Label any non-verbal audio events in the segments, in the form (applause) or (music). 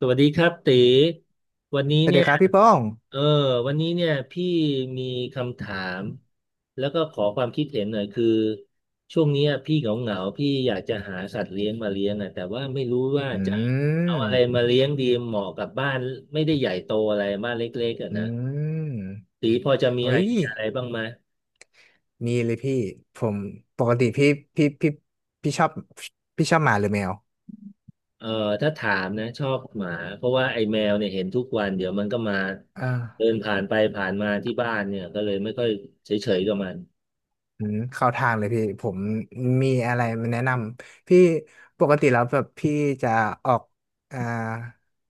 สวัสดีครับตีวันนี้สวัสเนี่ดียครับพี่ป้องเออวันนี้เนี่ยพี่มีคำถามแล้วก็ขอความคิดเห็นหน่อยคือช่วงเนี้ยพี่เหงาเหงาพี่อยากจะหาสัตว์เลี้ยงมาเลี้ยงอ่ะแต่ว่าไม่รู้ว่าอืจะเอาอะไรมามเลี้ยงดีเหมาะกับบ้านไม่ได้ใหญ่โตอะไรบ้านเล็กๆอ่ะอืนะมตีพอจะมีเอ้ไอยเดียอะไรบ้างไหมมีเลยพี่ ผมปกติพี่พี่พี่ชอบพี่ชอบหมาหรือแมวเออถ้าถามนะชอบหมาเพราะว่าไอ้แมวเนี่ยเห็นทุกวันเดี๋ยวมันก็มาอ่าเดินผ่านไปผ่านมาที่บ้านเนี่ยก็เลยไม่ค่อยเฉยๆกับมัน อืมเข้าทางเลยพี่ ผมมีอะไรมาแนะนำ พี่ปกติแล้วแบบพี่จะออกอ่า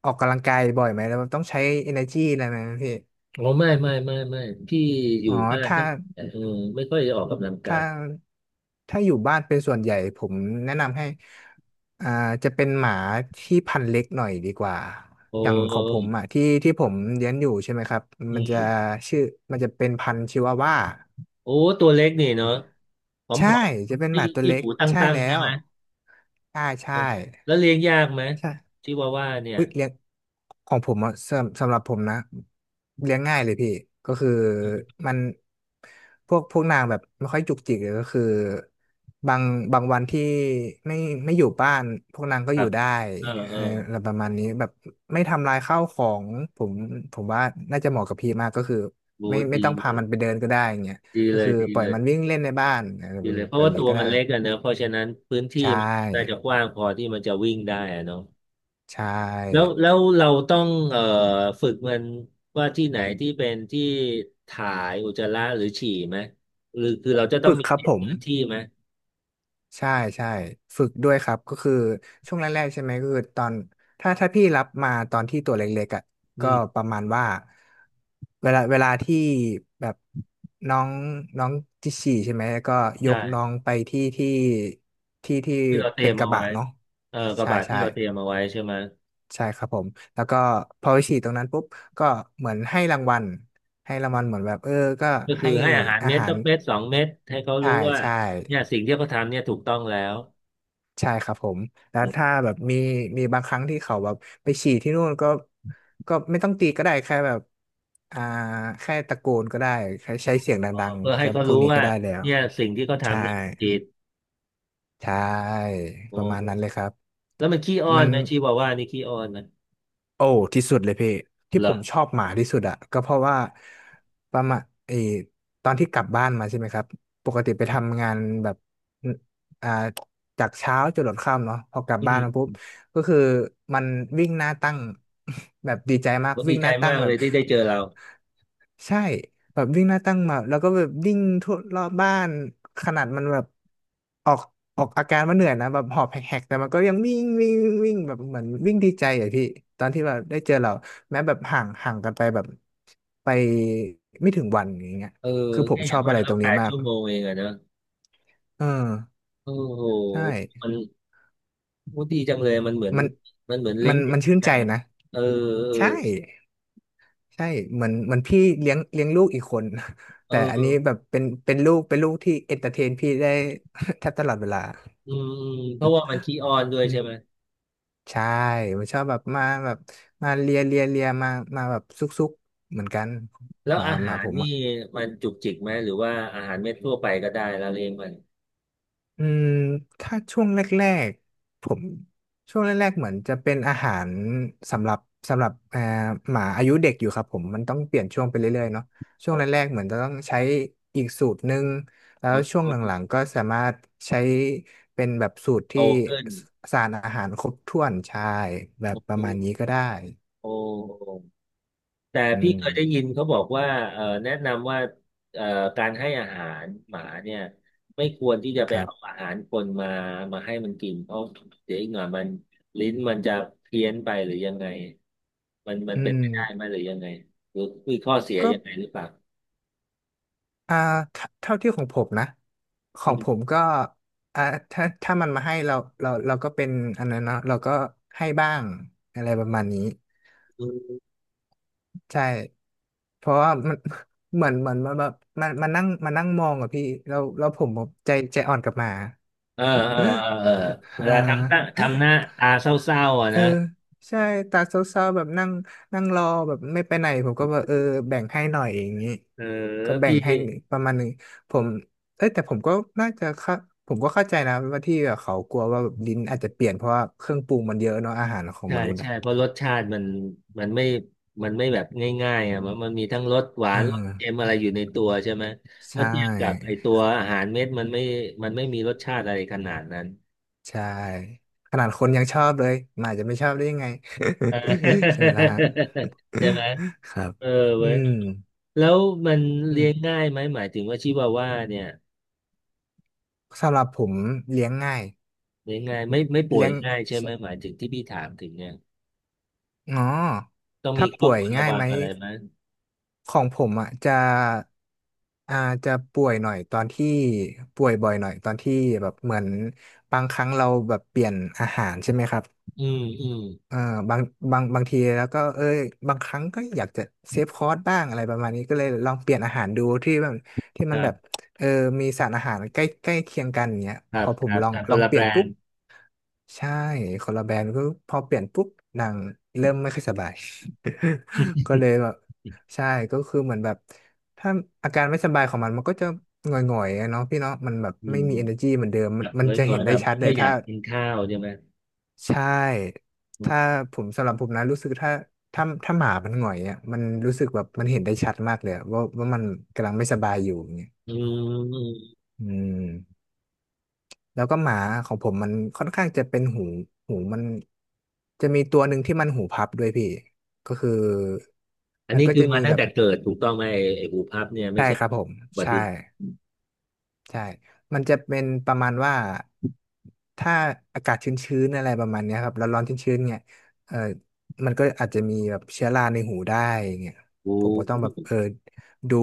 ออกกำลังกายบ่อยไหมแล้วแบบต้องใช้ energy อะไรไหมพี่อ๋อไม่พี่ออ๋ยู่อบ้านถ้า ก็เออไม่ค่อยได้ออกกำลังกาถ้ายถ้าอยู่บ้านเป็นส่วนใหญ่ผมแนะนำให้อ่าจะเป็นหมาที่พันธุ์เล็กหน่อยดีกว่าโออย่างของผม้อ่ะที่ที่ผมเลี้ยงอยู่ใช่ไหมครับอืมันจะมชื่อมันจะเป็นพันธุ์ชิวาว่าโอ้ตัวเล็กนี่เนาะผใช่อมจะเป็นๆหที่มาตัวที่เล็กหูตัใช่้งแล้ๆใช่วไหมใช่เอใช่อแล้วเลี้ยงยากไหมใช่ ชิวาว่าเนี่ยอุ้ยเลี้ยงของผมอ่ะสำหรับผมนะเลี้ยงง่ายเลยพี่ก็คือมันพวกนางแบบไม่ค่อยจุกจิกเลยก็คือบางบางวันที่ไม่ไม่อยู่บ้านพวกนางก็คอรัยู่บได้เออเอเออออะไรประมาณนี้แบบไม่ทำลายข้าวของผมผมว่าน่าจะเหมาะกับพี่มากก็คือโอ้ไม่ดีต้องเลพายมันไปเดินก็ได้อย่างเงี้ยดีก็เลคืยอดีปล่อยเลยมันวิ่งเล่นในบ้านอะไรดีเลยเพแบราะบว่านี้ตัวก็ได้มันเล็กอะเนอะเพราะฉะนั้นพื้นที่ใช่มันน่าจะกว้างพอที่มันจะวิ่งได้อะเนาะ ใชแล้ว่แล้วเราต้องฝึกมันว่าที่ไหนที่เป็นที่ถ่ายอุจจาระหรือฉี่ไหมหรือคือเราจะต้องฝึกมีครัเขบตผม พื้นที่ไหมใช่ใช่ฝึกด้วยครับก็คือช่วงแรกๆใช่ไหมก็คือตอนถ้าพี่รับมาตอนที่ตัวเล็กๆอ่ะอืก็ปมระมาณว่าเวลาที่แบบน้องน้องจิฉี่ใช่ไหมก็ยกน้อใช่งไปที่ที่ที่เราเตรีเป็ยนมกเอาระบะไว้เนาะเออกระใช่บะที่ใช่เราเตรียมเอาไว้ใช่ไหมใช่ครับผมแล้วก็พอไปฉี่ตรงนั้นปุ๊บก็เหมือนให้รางวัลเหมือนแบบเออก็ก็คืให้อให้อาหารอาเม็ดหาสัรกเม็ดสองเม็ดให้เขาใช่รู้ว่าใช่ เนี่ยสิ่งที่เขาทำเนี่ยถูกต้องแล้วใช่ครับผมแล้วถ้าแบบมีบางครั้งที่เขาแบบไปฉี่ที่นู่นก็ไม่ต้องตีก็ได้แค่แบบอ่าแค่ตะโกนก็ได้แค่ใช้เสียงเออดังเพื่อๆให้ก็เขาพวกรู้นี้ก็ว่าได้แล้วเนี่ยสิ่งที่เขาใช่ทำเนี่ยผิดใช่ปโอ้ระมาณนั้นเลยครับแล้วมันขี้อ้อมันน ไหมชีวาว่านี่ขี้อ้อนไหมโอ้ที่สุดเลยพี่ที่เหรผอมชอบหมาที่สุดอะก็เพราะว่าประมาณเออตอนที่กลับบ้านมาใช่ไหมครับปกติไปทำงานแบบอ่าจากเช้าจนหลดค่ำเนาะพอกลับอืบ้านมามปุ๊บก็คือมันวิ่งหน้าตั้ง (laughs) แบบดีใจมากผมวิ่ดีงหใจน้าตั้งมากแบเลบ ยที่ได้เจอเรา ใช่แบบวิ่งหน้าตั้งมาแล้วก็แบบวิ่งทั่วรอบบ้านขนาดมันแบบออกออกอาการว่าเหนื่อยนะแบบหอบแหกๆแต่มันก็ยังวิ่งวิ่งวิ่งแบบเหมือนวิ่งดีใจอะพี่ตอนที่แบบได้เจอเราแม้แบบห่างห่างกันไปแบบไปไม่ถึงวันอย่างเงี้ยเออคือผมแค่อชอย่างบมาอะกไรตก็รงแปนี้ดมากชั่วโมงเองอะนะเออโอ้โหใชมั่นโอ้ดีจังเลยมันเหมือนมันมันเหมือนเลี้มัยนงเด็มักนชื่นกัใจนนะนะเอใช่ อใช่เหมือนพี่เลี้ยงลูกอีกคน (laughs) เอแต่ออันเออนี้แบบเป็นลูกที่เอนเตอร์เทนพี่ได้ (laughs) แทบตลอดเวลาอืมอืมเพราะว่ามันขี้อ้อนด้วยอืใช่ไหมมใช่มันชอบแบบมาแบบมาเลียเลียเลียมาแบบซุกซุกเหมือนกันแล้หวมาอาหหามาผรมนี่อะ มันจุกจิกไหมหรือว่าอาหารเม็ดทั่วไปก็ได้แล้วเลี้ยงมันอืมถ้าช่วงแรกๆผมช่วงแรกๆเหมือนจะเป็นอาหารสำหรับสำหรับหมาอายุเด็กอยู่ครับผมมันต้องเปลี่ยนช่วงไปเรื่อยๆเนาะช่วงแรโตกๆเหมือนจะต้องใช้อีกสูตรหนึ่งแล้โตวช่ขวงหลังๆก็สามารถใช้เป็นแบบสูตรที่ึ้นสสารอาหารครบถ้วนใช่แบบประมาณนี้ก็โได้อ้โห แต่อืพี่มเคยได้ยินเขาบอกว่าแนะนำว่าเอ่อการให้อาหารหมาเนี่ยไม่ควรที่จะคไปรัเอาบอาหารคนมามาให้มันกินเพราะเดี๋ยวอีกหน่อยมันลิ้นมันจะเพี้ยนไปหรือยังไงมันอืเป็นมไปได้ไหมหรือยังไงหรือมีข้อเสียก็ ยังไงหรือเปล่าอ่าเท่าที่ของผมนะขออืงผมก็อ่าถ้ามันมาให้เราเราก็เป็นอันนั้นเนาะเราก็ให้บ้างอะไรประมาณนี้มใช่เพราะว่ามัน (laughs) เหมือนมันแบบมันนั่งมองอะพี่เราเราผมใจอ่อนกับหมา เออ (laughs) เวอ่า ลาทำตั้งทำหน้าตาเศร้าๆอ่ะเออนะใช่ตาเศร้าๆแบบนั่งนั่งรอแบบไม่ไปไหนผมก็แบบเออแบ่งให้หน่อยอย่างนี้เออก็แบ่งพี่ ให้ประมาณหนึ่งผมเอ้ยแต่ผมก็น่าจะเข้าผมก็เข้าใจนะว่าที่แบบเขากลัวว่าแบบลิ้นอาจจะเปลี่ยนเพราะว่าเครื่องปรุงมันเยอะเนาะอาหารของใช่มนุษย์อ่ะใช่เพราะรสชาติมันมันไม่มันไม่แบบง่ายๆอ่ะมันมีทั้งรสหวาเออนรสเค็มอะไรอยู่ในตัวใช่ไหมใชเมื่อเทียบกับไอ่ตัวอาหารเม็ดมันไม่มีรสชาติอะไรขนาดนั้นใช่ขนาดคนยังชอบเลยหมาจะไม่ชอบได้ยังไง เอ (laughs) ใช่อ ไหมล่ะฮะ (laughs) ใช่ไหม (laughs) ครับเอออืเว้ยมแล้วมันอืมเลี้ยงง่ายไหมหมายถึงว่าชิวาว่าเนี่ยสำหรับผมเลี้ยงง่ายเลี้ยงง่ายไม่ป่วเลี้ยยง ง่ายใช่ไหมหมายถึงที่พี่ถามถึงเนี่ยอ๋อต้องมีถ้าข้อป่วคยวรระง่ายวัไหงมอะไรไหมของผมอ่ะอ่าจะป่วยหน่อยตอนที่ป่วยบ่อยหน่อยตอนที่แบบเหมือนบางครั้งเราแบบเปลี่ยนอาหารใช่ไหมครับอืมอืมเออบางบางทีแล้วก็เอ้ยบางครั้งก็อยากจะเซฟคอร์สบ้างอะไรประมาณนี้ก็เลยลองเปลี่ยนอาหารดูที่มันที่คมันรัแบบบเออมีสารอาหารใกล้ใกล้เคียงกันอย่างเงี้ยคพรับอผคมรับลองครับคลอนงละเปแบลี่ยรนนปุ๊บ ด์ใช่คนละแบรนด์ก็พอเปลี่ยนปุ๊บนางเริ่มไม่ค่อยสบาย (laughs) ก็เลยแบบใช่ก็คือเหมือนแบบถ้าอาการไม่สบายของมันมันก็จะหงอยๆอะเนาะพี่เนาะมันแบบอืไม่ม มี energy เหมือนเดิมมัแบนบมันนจะ้อเห็ยนๆได้แบบชัดเลก็ยอถ้ายากกินข้าวใช่ไหมใช่ถ้าผมสำหรับผมนะรู้สึกถ้าหมามันหงอยอ่ะมันรู้สึกแบบมันเห็นได้ชัดมากเลยอะว่ามันกำลังไม่สบายอยู่อย่างเงี้ยอืมอืม แล้วก็หมาของผมมันค่อนข้างจะเป็นหูหูมันจะมีตัวหนึ่งที่มันหูพับด้วยพี่ก็คืออันมันนี้ก็คือจะมามีตั้แบงบแต่เกิดถูกต้องไหมไอ้หูพับเนี่ยไม่ใช่ใช่ครับผมอุบัใช่ติเหตุใช่มันจะเป็นประมาณว่าถ้าอากาศชื้นๆอะไรประมาณเนี้ยครับร้อนๆชื้นๆเนี่ยเออมันก็อาจจะมีแบบเชื้อราในหูได้อย่างเงี้ยโ้ผมก็ต้องแบบเออดู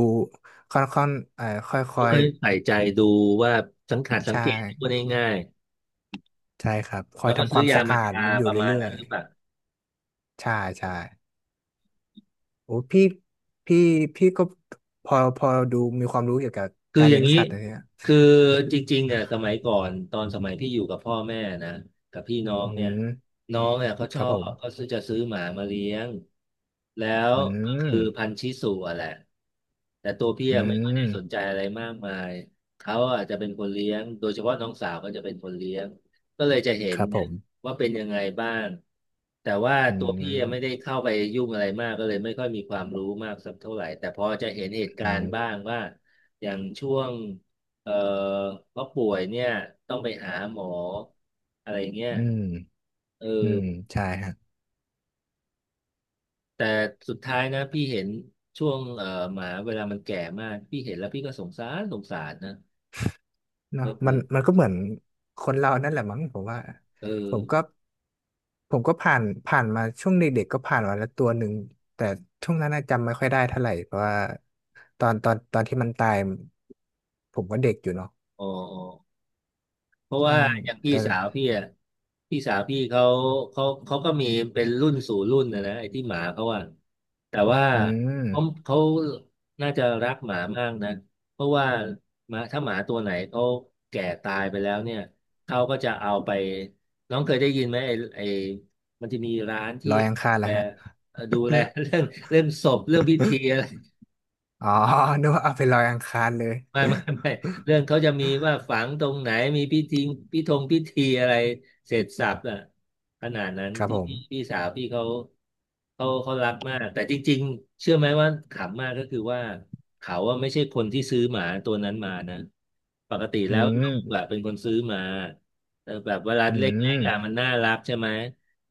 ค่อนๆค่เขาอเคยยใส่ใจดูว่าสังขารๆสังใช่เกตพูดง่ายใช่ครับคๆอยแล้วก็ทำคซื้วาอมยาสะมาอาดทาอยู่ประมาณเรื่อนั้นยหรือเปล่า ๆใช่ใช่ โอ้พี่พี่พี่ก็พอดูมีความรู้เกี่ยวกับคือการอย่าเลี้ยงงนี้สัตว์นะเนี่ยคือจริงๆเนี่ยสมัยก่อนตอนสมัยพี่อยู่กับพ่อแม่นะกับพี่น้องอืเนี่ยมน้องเนี่ยเขาคชอรับผบมเขาซื้อจะซื้อหมามาเลี้ยงแล้วอืก็มคือพันธุ์ชิสุอะแหละแต่ตัวพี่อือะไม่ค่อยได้สนมใจอะไรมากมายเขาอาจจะเป็นคนเลี้ยงโดยเฉพาะน้องสาวก็จะเป็นคนเลี้ยงก็เลยจะเห็คนรับผเนี่ยมว่าเป็นยังไงบ้างแต่ว่าอืตัวพี่อะไม่ได้มเข้าไปยุ่งอะไรมากก็เลยไม่ค่อยมีความรู้มากสักเท่าไหร่แต่พอจะเห็นเหตุอืการณ์บ้ามงว่า อย่างช่วงเอ่อเขาป่วยเนี่ยต้องไปหาหมออะไรเงี้ยอืมเออือมใช่ฮะแต่สุดท้ายนะพี่เห็นช่วงหมาเวลามันแก่มากพี่เห็นแล้วพี่ก็สงสารสงสารนะเอเนาะอเอมันมันก็อเหมือนคนเรานั่นแหละมั้งผมว่าเอผมก็อผมก็ผ่านมาช่วงเด็กๆก็ผ่านมาแล้วตัวหนึ่งแต่ช่วงนั้นน่ะจำไม่ค่อยได้เท่าไหร่เพราะว่าตอนที่มันตายผมก็เด็กอยู่เนาะอ๋ออ๋อ เพราะใช่ว่าอย่างพี่แต่ สาวพี่อ่ะพี่สาวพี่เขาเขาก็มีเป็นรุ่นสู่รุ่นนะนะไอ้ที่หมาเขาอ่ะแต่ว่าอืมเขาเขาน่าจะรักหมามากนะเพราะว่าหมาถ้าหมาตัวไหนเขาแก่ตายไปแล้วเนี่ยเขาก็จะเอาไปน้องเคยได้ยินไหมไอ้มันจะมีร้านลที่อยอังคารเหรดูอแลฮะดูแลเรื่องเรื่องศพเรื่องพิธีอะไร อ๋อ (laughs) นึกว่าเอาไปลอยอังคารเลยไม่ (laughs) ไม่เรื่องเขาจะมีว่าฝังตรงไหนมีพิธีพิธงพิธีอะไรเสร็จสรรพอะขนาดนั้นครับที่ผมพี่สาวพี่เขาเขารักมากแต่จริงๆเชื่อไหมว่าขำมากก็คือว่าเขาอะไม่ใช่คนที่ซื้อหมาตัวนั้นมานะปกติอืแล้วมลูกอะเป็นคนซื้อมาแต่แบบเวลาอืเล็กม ๆอะมันน่ารักใช่ไหม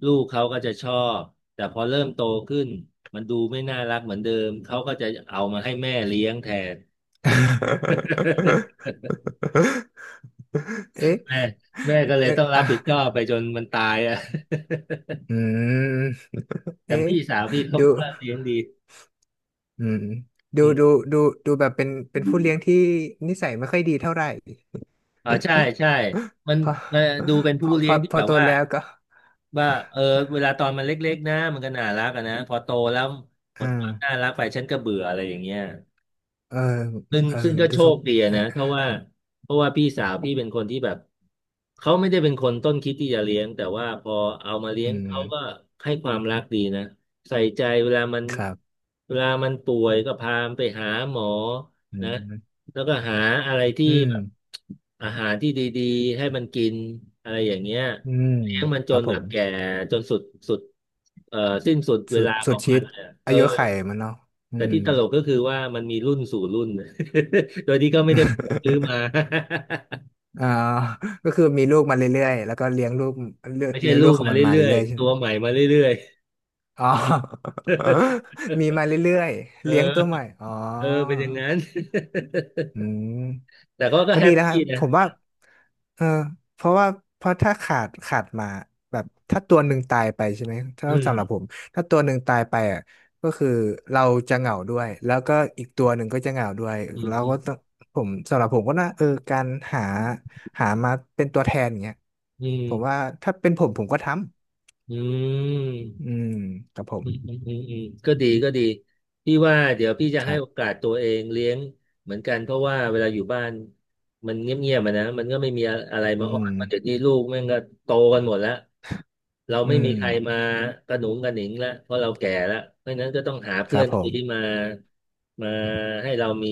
ลูกเขาก็จะชอบแต่พอเริ่มโตขึ้นมันดูไม่น่ารักเหมือนเดิมเขาก็จะเอามาให้แม่เลี้ยงแทน (laughs) เอ๊ะแม่แม่ก็เลยเอ๊ะต้องรัอ่ะบผิดชอบไปจนมันตายอ่ะ (laughs) อืมแต่เอ๊ะพี่สาวพี่เขาดูก็เลี้ยงดีอืมดูอืดูมดูดูแบบเป็นผู้เลี้ยงที่นิสัยไม่ค่อยดีเท่าไหร่อ๋อใช่ใช่มันพอมันดูเป็นพผู้อพเลี้ยองที่พอแบบโตว่าแล้วก็เออเวลาตอนมันเล็กๆนะมันก็น่ารักอะนะพอโตแล้วหมอ่าดความน่ารักไปฉันก็เบื่ออะไรอย่างเงี้ย เออซึ่งเออซึ่งก็ดูโชสงคดีเออะอนะเพราะว่าพี่สาวพี่เป็นคนที่แบบเขาไม่ได้เป็นคนต้นคิดที่จะเลี้ยงแต่ว่าพอเอามาเลี้ยอืงมเขาก็ให้ความรักดีนะใส่ใจเวลามันครับ เวลามันป่วยก็พามันไปหาหมออืนะมแล้วก็หาอะไรที่อืม แบบอาหารที่ดีๆให้มันกินอะไรอย่างเงี้ยอืม เลี้ยงมันคจรับนผแบบม แก่จนสุดเอ่อสิ้นสุดเวสุดลาขสุอดงมัชีินตเลยอะเออาอ ยุไข่มันเนาะ อืแต่ม ที่ตลกก็คือว่ามันมีรุ่นสู่รุ่น (laughs) โดยที่ก็ไม่ได้ซื้อมา (laughs) อ่าก็คือมีลูกมาเรื่อยๆ แล้วก็เลี้ยงลูกเลี้ย (laughs) งไม่ใช่เลี้ยงลูลูกกของมามันมาเรื่อยเรื่อยๆๆใช่ไหตัมวใหม่มาเรื่อยๆ อ๋อ (laughs) มีมาเรื่อยๆ (laughs) เเลี้ยงตัวใหม่ อออ๋อเออเป็นอย่างนั้น อืม (laughs) แต่เขาก็ก็แฮดีปแล้วครัปี้บผนะมว่าเออเพราะว่าเพราะถ้าขาดมาแบบถ้าตัวหนึ่งตายไปใช่ไหมถ้าอืสำหรับมผมถ้าตัวหนึ่งตายไปอ่ะก็คือเราจะเหงาด้วยแล้วก็อีกตัวหนึ่งก็จะเหงาด้วยอืเราก็ต้อมงผมสำหรับผมก็น่าเออการหาหามาเป็นตัวแทนอย่างเงี้ยอืมผมว่าถ้าเป็นผมผมก็ทอืำอืม มครับผมอืมอืมอืมอืมก็ดีก็ดีพี่ว่าเดี๋ยวพี่จะคให้รัโอบกาสตัวเองเลี้ยงเหมือนกันเพราะว่าเวลาอยู่บ้านมันเงียบๆมานะมันก็ไม่มีอะไรอืมาอ้อมนเพราะเดี๋ยวนี้ลูกแม่งก็โตกันหมดแล้วเราอืไม่มมีใครมากระหนุงกระหนิงแล้วเพราะเราแก่แล้วเพราะฉะนั้นก็ต้องหาคเพื่รัอบนผมที่มามาให้เรามี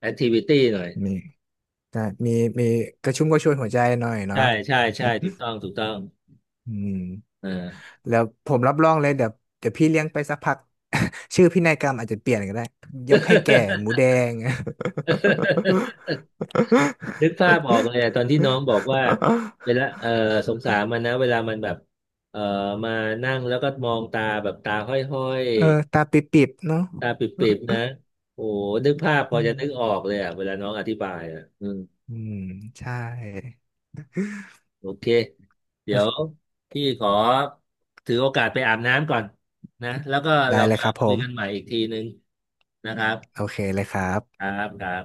แอคทิวิตี้หน่อยมีก็มีมีกระชุ่มกระชวยหัวใจหน่อยเนาะ ใช่ใช่ใช่ถูกต้อง (laughs) ถูกต้องอืม อ่า แล้วผมรับรองเลยเดี๋ยวพี่เลี้ยงไปสักพัก (laughs) ชื่อพินัยกรรมอาจจะเปลี่ยนก็ได้ยกให้แก่หมูแดง (laughs) นึกภาพออกเลยอะตอนที่น้องบอกว่าเวลาเออสงสารมันนะเวลามันแบบเออมานั่งแล้วก็มองตาแบบตาห้อยเออตาปิบๆเนาะๆตาปิบๆนะโอ้นึกภาพพออืจะมนึกออกเลยอ่ะเวลาน้องอธิบายอ่ะอืมอืมใช่โอเคโอเดี๋ยวเคพี่ขอถือโอกาสไปอาบน้ำก่อนนะแล้วก็ได้เราเลยมาครับผคุยกันใหมม่อีกทีนึงนะครับโอเคเลยครัคบรับครับ